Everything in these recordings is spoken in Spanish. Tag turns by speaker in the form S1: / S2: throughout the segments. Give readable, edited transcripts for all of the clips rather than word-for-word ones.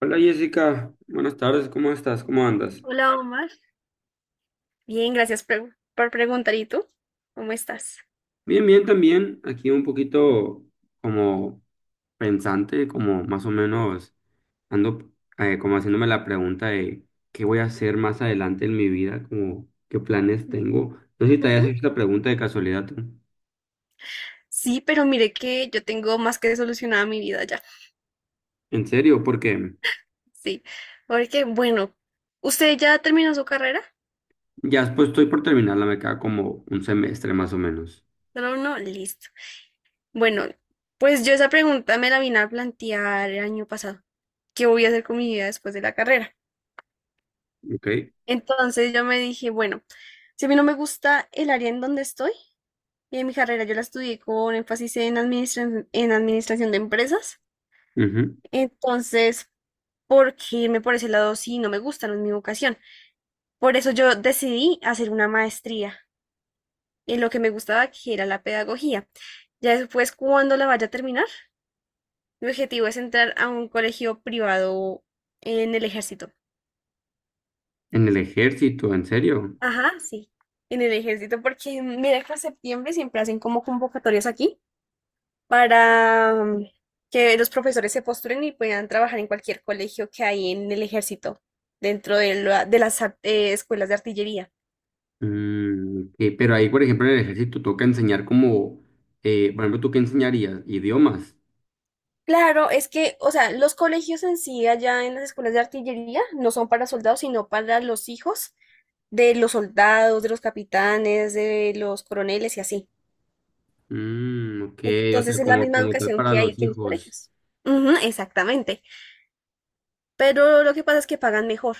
S1: Hola Jessica, buenas tardes, ¿cómo estás? ¿Cómo andas?
S2: Hola Omar, bien, gracias por preguntar. ¿Y tú? ¿Cómo estás?
S1: Bien, bien también, aquí un poquito como pensante, como más o menos ando como haciéndome la pregunta de qué voy a hacer más adelante en mi vida, como qué planes
S2: Ujú.
S1: tengo. No sé si te hayas
S2: Ujú.
S1: hecho esta pregunta de casualidad tú.
S2: Sí, pero mire que yo tengo más que solucionada mi vida ya.
S1: ¿En serio? Porque
S2: Sí, porque bueno, ¿usted ya terminó su carrera?
S1: ya después estoy por terminarla, me queda como un semestre más o menos,
S2: Solo uno, listo. Bueno, pues yo esa pregunta me la vine a plantear el año pasado. ¿Qué voy a hacer con mi vida después de la carrera?
S1: ¿ok?
S2: Entonces yo me dije, bueno, si a mí no me gusta el área en donde estoy, y en mi carrera yo la estudié con énfasis en en administración de empresas.
S1: Ujú.
S2: Entonces, porque irme por ese lado sí no me gusta, no es mi vocación. Por eso yo decidí hacer una maestría en lo que me gustaba, que era la pedagogía. Ya después, cuando la vaya a terminar, mi objetivo es entrar a un colegio privado en el ejército.
S1: ¿En el ejército, en serio?
S2: Ajá, sí, en el ejército, porque mira que en septiembre siempre hacen como convocatorias aquí para que los profesores se postulen y puedan trabajar en cualquier colegio que hay en el ejército, dentro de, de las escuelas de artillería.
S1: Mm, ok, pero ahí, por ejemplo, en el ejército toca enseñar como, por ejemplo, ¿tú qué enseñarías? Idiomas.
S2: Claro, es que, o sea, los colegios en sí, allá en las escuelas de artillería, no son para soldados, sino para los hijos de los soldados, de los capitanes, de los coroneles y así.
S1: Mm, ok, o
S2: Entonces
S1: sea,
S2: es la
S1: como,
S2: misma
S1: como tal
S2: educación
S1: para
S2: que hay
S1: los
S2: aquí en los
S1: hijos.
S2: colegios. Ujú, exactamente. Pero lo que pasa es que pagan mejor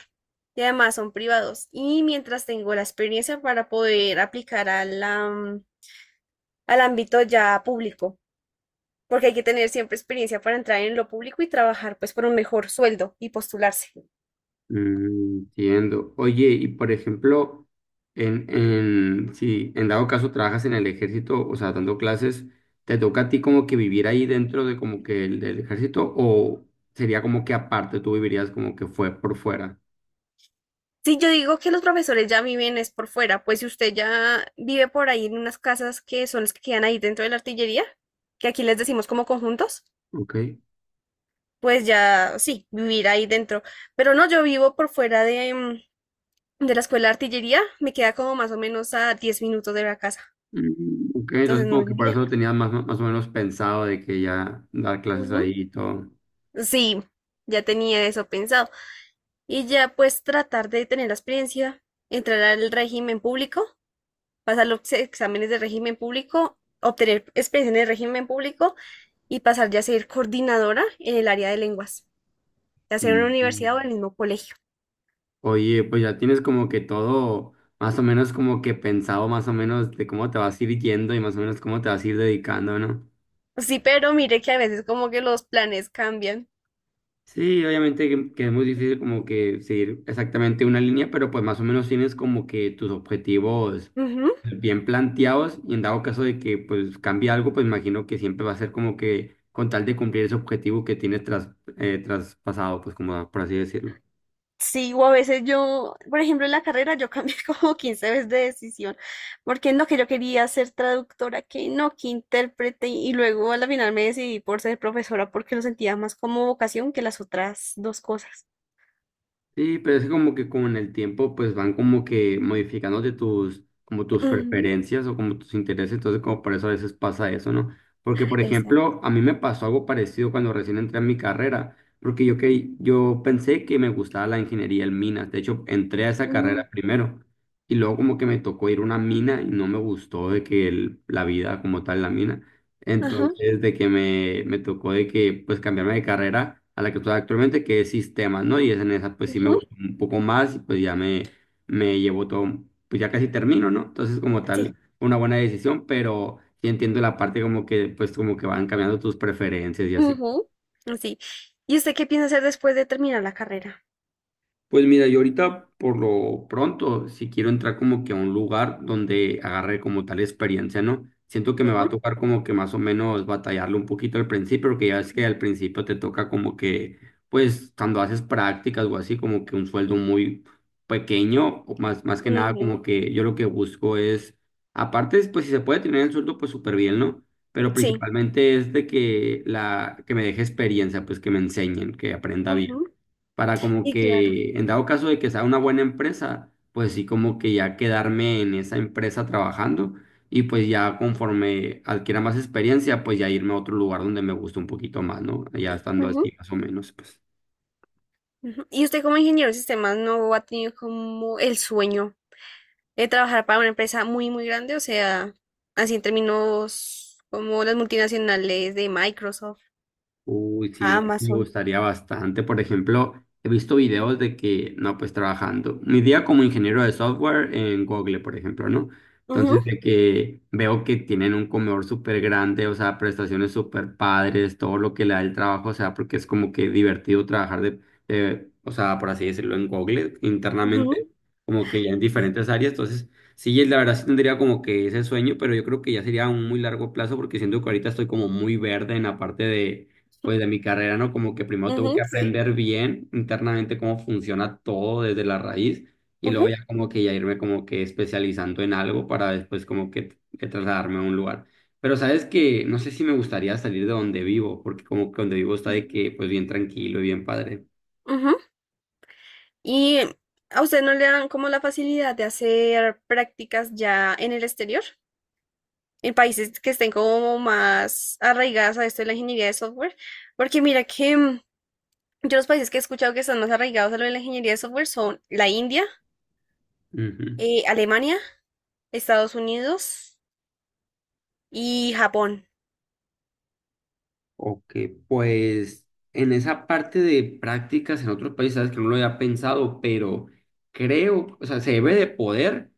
S2: y además son privados. Y mientras tengo la experiencia para poder aplicar al ámbito ya público, porque hay que tener siempre experiencia para entrar en lo público y trabajar pues por un mejor sueldo y postularse.
S1: Mm, entiendo. Oye, y por ejemplo, si en dado caso trabajas en el ejército, o sea, dando clases, ¿te toca a ti como que vivir ahí dentro de como que el, del ejército o sería como que aparte tú vivirías como que fue por fuera?
S2: Sí, yo digo que los profesores ya viven es por fuera, pues si usted ya vive por ahí en unas casas que son las que quedan ahí dentro de la artillería, que aquí les decimos como conjuntos,
S1: Ok.
S2: pues ya sí, vivir ahí dentro. Pero no, yo vivo por fuera de la escuela de artillería, me queda como más o menos a 10 minutos de la casa,
S1: Mm, ok,
S2: entonces
S1: entonces
S2: no
S1: como
S2: es
S1: que
S2: muy
S1: por eso lo
S2: lejos.
S1: tenía más, más o menos pensado de que ya dar clases
S2: Ujú.
S1: ahí y todo.
S2: Sí, ya tenía eso pensado. Y ya pues tratar de tener la experiencia, entrar al régimen público, pasar los exámenes de régimen público, obtener experiencia en el régimen público y pasar ya a ser coordinadora en el área de lenguas, ya sea en una universidad o
S1: Mm.
S2: en el mismo colegio.
S1: Oye, pues ya tienes como que todo más o menos como que pensado más o menos de cómo te vas a ir yendo y más o menos cómo te vas a ir dedicando, ¿no?
S2: Sí, pero mire que a veces como que los planes cambian.
S1: Sí, obviamente que es muy difícil como que seguir exactamente una línea, pero pues más o menos tienes como que tus objetivos
S2: Ujú.
S1: bien planteados y en dado caso de que pues cambie algo, pues imagino que siempre va a ser como que con tal de cumplir ese objetivo que tienes tras, traspasado, pues como por así decirlo.
S2: Sí, o a veces yo, por ejemplo, en la carrera yo cambié como 15 veces de decisión, porque no, que yo quería ser traductora, que no, que intérprete, y luego a la final me decidí por ser profesora porque lo sentía más como vocación que las otras dos cosas.
S1: Sí, pero es como que con el tiempo pues van como que modificándote tus, como tus
S2: Ujú.
S1: preferencias o como tus intereses, entonces como por eso a veces pasa eso, ¿no? Porque por
S2: Exacto.
S1: ejemplo, a mí me pasó algo parecido cuando recién entré a mi carrera, porque yo, que, yo pensé que me gustaba la ingeniería en minas, de hecho entré a esa
S2: Ujú.
S1: carrera primero y luego como que me tocó ir a una mina y no me gustó de que la vida como tal, la mina.
S2: Ajá,
S1: Entonces, de que me tocó de que, pues, cambiarme de carrera a la que estoy actualmente, que es sistemas, ¿no? Y es en esa, pues, sí me
S2: ujú.
S1: gustó un poco más y pues ya me llevo todo, pues ya casi termino, ¿no? Entonces, como
S2: Sí.
S1: tal, fue una buena decisión, pero sí entiendo la parte como que, pues, como que van cambiando tus preferencias y así.
S2: Ujú, sí. ¿Y usted qué piensa hacer después de terminar la carrera?
S1: Pues mira, yo ahorita por lo pronto, si quiero entrar como que a un lugar donde agarre como tal experiencia, ¿no? Siento que me va a
S2: Ujú,
S1: tocar como que más o menos batallarlo un poquito al principio, porque ya es que al principio te toca como que, pues cuando haces prácticas o así, como que un sueldo muy pequeño, o más, más que nada
S2: ujú,
S1: como que yo lo que busco es, aparte, pues si se puede tener el sueldo, pues súper bien, ¿no? Pero
S2: sí,
S1: principalmente es de que la, que me deje experiencia, pues que me enseñen, que aprenda bien
S2: ujú,
S1: para como
S2: y claro.
S1: que en dado caso de que sea una buena empresa, pues sí como que ya quedarme en esa empresa trabajando y pues ya conforme adquiera más experiencia, pues ya irme a otro lugar donde me guste un poquito más, ¿no? Ya estando
S2: Ujú,
S1: así más o menos, pues.
S2: ujú. ¿Y usted como ingeniero de sistemas no ha tenido como el sueño de trabajar para una empresa muy, muy grande? O sea, así en términos como las multinacionales de Microsoft,
S1: Uy, sí, la verdad me
S2: Amazon.
S1: gustaría bastante. Por ejemplo, he visto videos de que, no, pues trabajando, mi día como ingeniero de software en Google, por ejemplo, ¿no?
S2: Ujú,
S1: Entonces, de que veo que tienen un comedor súper grande, o sea, prestaciones súper padres, todo lo que le da el trabajo, o sea, porque es como que divertido trabajar o sea, por así decirlo, en Google
S2: ujú,
S1: internamente, como que ya en
S2: sí.
S1: diferentes áreas. Entonces, sí, la verdad sí tendría como que ese sueño, pero yo creo que ya sería a un muy largo plazo porque siento que ahorita estoy como muy verde en la parte de pues de mi carrera, ¿no? Como que primero tengo que
S2: Ujú, sí.
S1: aprender bien internamente cómo funciona todo desde la raíz y
S2: Ujú,
S1: luego ya como que ya irme como que especializando en algo para después como que trasladarme a un lugar. Pero sabes que no sé si me gustaría salir de donde vivo, porque como que donde vivo está de
S2: ujú,
S1: que pues bien tranquilo y bien padre.
S2: ujú. ¿Y a usted no le dan como la facilidad de hacer prácticas ya en el exterior? En países que estén como más arraigadas a esto de la ingeniería de software. Porque mira que yo los países que he escuchado que están más arraigados a lo de la ingeniería de software son la India,
S1: Ujú.
S2: Alemania, Estados Unidos y Japón.
S1: Ok, pues en esa parte de prácticas en otros países, sabes que no lo había pensado, pero creo, o sea, se debe de poder,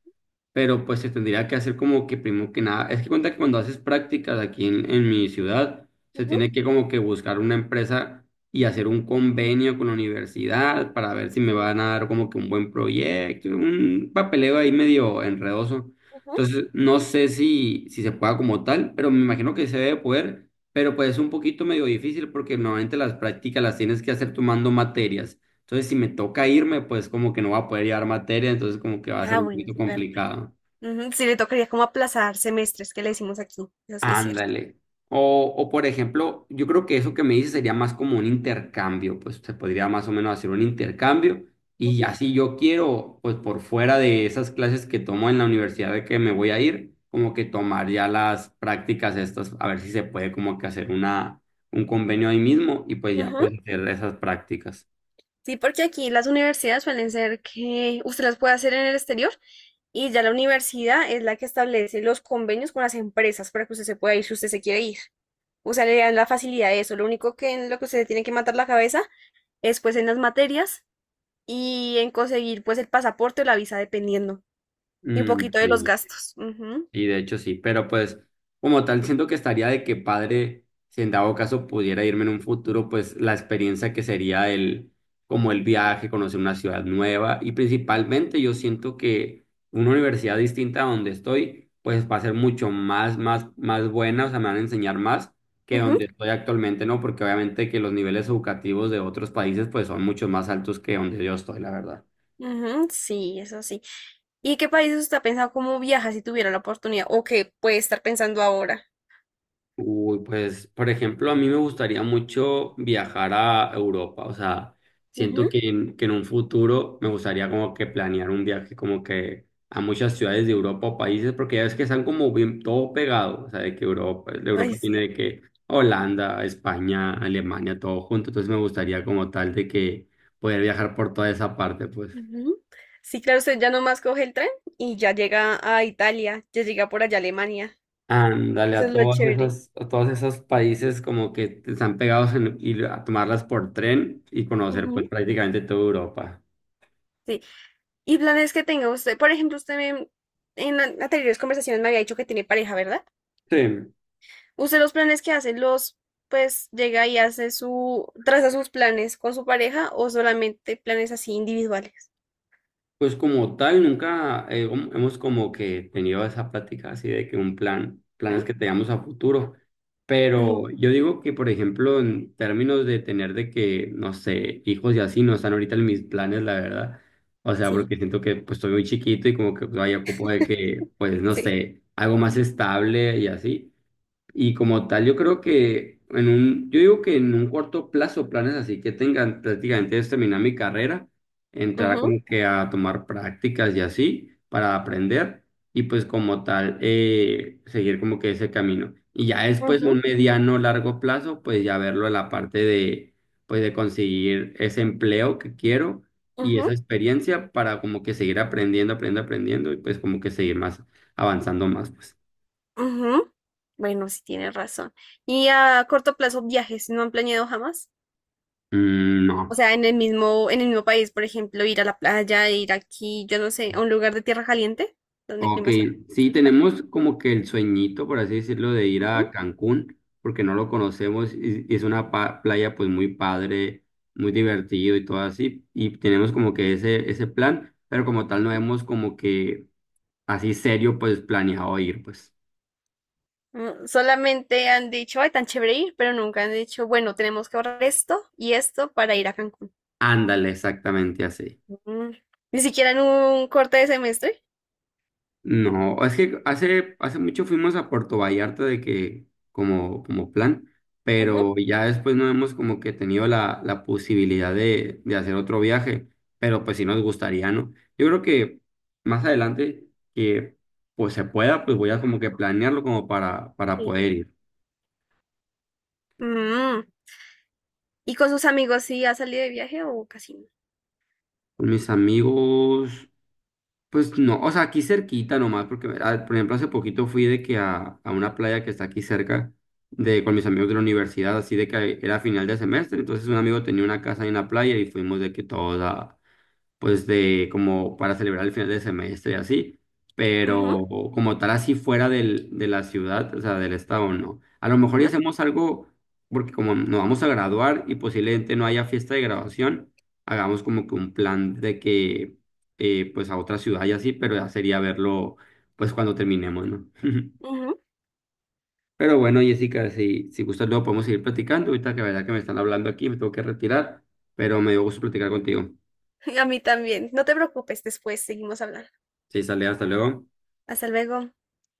S1: pero pues se tendría que hacer como que primero que nada, es que cuenta que cuando haces prácticas aquí en mi ciudad, se
S2: Ujú.
S1: tiene que como que buscar una empresa y hacer un convenio con la universidad para ver si me
S2: Sí,
S1: van a dar como que un buen proyecto, un papeleo ahí medio enredoso.
S2: ujú.
S1: Entonces, no sé si se pueda como tal, pero me imagino que se debe poder, pero pues es un poquito medio difícil porque normalmente las prácticas las tienes que hacer tomando materias. Entonces, si me toca irme, pues como que no va a poder llevar materia, entonces como que va a ser
S2: Ah,
S1: un
S2: bueno, es
S1: poquito
S2: verdad.
S1: complicado.
S2: Ujú. Sí, le tocaría como aplazar semestres, que le decimos aquí. Eso sí es cierto.
S1: Ándale. O por ejemplo, yo creo que eso que me dices sería más como un intercambio, pues se podría más o menos hacer un intercambio y
S2: Ujú.
S1: ya si yo quiero, pues por fuera de esas clases que tomo en la universidad de que me voy a ir, como que tomar ya las prácticas estas, a ver si se puede como que hacer una, un convenio ahí mismo y pues ya
S2: Ujú.
S1: pues hacer esas prácticas.
S2: Sí, porque aquí las universidades suelen ser que usted las puede hacer en el exterior y ya la universidad es la que establece los convenios con las empresas para que usted se pueda ir si usted se quiere ir. O sea, le dan la facilidad de eso. Lo único que en lo que usted tiene que matar la cabeza es pues en las materias y en conseguir pues el pasaporte o la visa, dependiendo. Y un
S1: Mm,
S2: poquito de los
S1: sí.
S2: gastos. Ujú,
S1: Y de hecho sí, pero pues como tal siento que estaría de que padre, si en dado caso pudiera irme en un futuro, pues la experiencia que sería el, como el viaje, conocer una ciudad nueva y principalmente yo siento que una universidad distinta a donde estoy, pues va a ser mucho más, más, más buena, o sea, me van a enseñar más que
S2: ujú,
S1: donde estoy actualmente, ¿no? Porque obviamente que los niveles educativos de otros países pues son mucho más altos que donde yo estoy, la verdad.
S2: ujú, sí, eso sí. ¿Y qué países usted ha pensado cómo viaja si tuviera la oportunidad? ¿O qué puede estar pensando ahora?
S1: Uy, pues, por ejemplo, a mí me gustaría mucho viajar a Europa, o sea, siento
S2: Ujú.
S1: que que en un futuro me gustaría como que planear un viaje como que a muchas ciudades de Europa o países, porque ya ves que están como bien todo pegado, o sea, de que Europa, de
S2: Ay,
S1: Europa tiene
S2: sí.
S1: de que Holanda, España, Alemania, todo junto, entonces me gustaría como tal de que poder viajar por toda esa parte, pues.
S2: Ujú. Sí, claro, usted ya nomás coge el tren y ya llega a Italia, ya llega por allá a Alemania.
S1: Ándale,
S2: Eso es lo chévere.
S1: a todos esos países como que están pegados en ir a tomarlas por tren y conocer pues
S2: Ujú.
S1: prácticamente toda Europa.
S2: Sí. ¿Y planes que tenga usted? Por ejemplo, usted me- en an- anteriores conversaciones me había dicho que tiene pareja, ¿verdad?
S1: Sí.
S2: ¿Usted los planes que hace los, pues llega y hace su, traza sus planes con su pareja, o solamente planes así individuales?
S1: Pues como tal, nunca hemos como que tenido esa plática así de que un plan, planes
S2: Ujú,
S1: que tengamos a futuro,
S2: ujú,
S1: pero yo digo que, por ejemplo, en términos de tener de que, no sé, hijos y así, no están ahorita en mis planes, la verdad, o sea,
S2: sí,
S1: porque siento que pues estoy muy chiquito y como que vaya ocupo de que, pues, no
S2: sí.
S1: sé, algo más estable y así. Y como tal, yo creo que en un, yo digo que en un corto plazo, planes así que tengan prácticamente es terminar mi carrera, entrar
S2: Ujú,
S1: como que a tomar prácticas y así para aprender y pues como tal seguir como que ese camino. Y ya después un
S2: ujú,
S1: mediano largo plazo, pues ya verlo en la parte de pues de conseguir ese empleo que quiero y
S2: ujú.
S1: esa experiencia para como que seguir aprendiendo, aprendiendo, aprendiendo y pues como que seguir más avanzando más, pues.
S2: Ujú. Bueno, sí tienes razón. Y a corto plazo, viajes, ¿no han planeado jamás?
S1: Mm,
S2: O
S1: no.
S2: sea, en el mismo país, por ejemplo, ir a la playa, ir aquí, yo no sé, a un lugar de tierra caliente, donde el
S1: Ok,
S2: clima sea
S1: sí,
S2: bastante caliente.
S1: tenemos como que el sueñito, por así decirlo, de ir a
S2: Ujú.
S1: Cancún, porque no lo conocemos y es una playa pues muy padre, muy divertido y todo así, y tenemos como que ese plan, pero como tal no hemos como que así serio pues planeado ir, pues
S2: Mm, solamente han dicho, ay, tan chévere ir, pero nunca han dicho, bueno, tenemos que ahorrar esto y esto para ir a Cancún.
S1: ándale, exactamente así.
S2: Mm, ni siquiera en un corte de semestre.
S1: No, es que hace, hace mucho fuimos a Puerto Vallarta de que como, como plan,
S2: Ujú.
S1: pero ya después no hemos como que tenido la, la posibilidad de hacer otro viaje, pero pues sí nos gustaría, ¿no? Yo creo que más adelante que pues se pueda, pues voy a como que planearlo como para
S2: Sí.
S1: poder ir.
S2: Mm, ¿y con sus amigos sí ha salido de viaje o casi no?
S1: Con mis amigos, pues no, o sea, aquí cerquita nomás, porque ah, por ejemplo hace poquito fui de que a una playa que está aquí cerca de con mis amigos de la universidad, así de que era final de semestre, entonces un amigo tenía una casa en la playa y fuimos de que todos a, pues de como para celebrar el final de semestre y así, pero
S2: Ujú.
S1: como tal así fuera del, de la ciudad, o sea, del estado, no. A lo mejor ya hacemos algo, porque como nos vamos a graduar y posiblemente no haya fiesta de graduación, hagamos como que un plan de que, pues a otra ciudad y así, pero ya sería verlo, pues cuando terminemos, ¿no?
S2: ¿No?
S1: Pero bueno, Jessica, si gustas luego podemos seguir platicando. Ahorita que la verdad que me están hablando aquí, me tengo que retirar, pero me dio gusto platicar contigo.
S2: A mí también. No te preocupes, después seguimos hablando.
S1: Sí, sale, hasta luego.
S2: Hasta luego.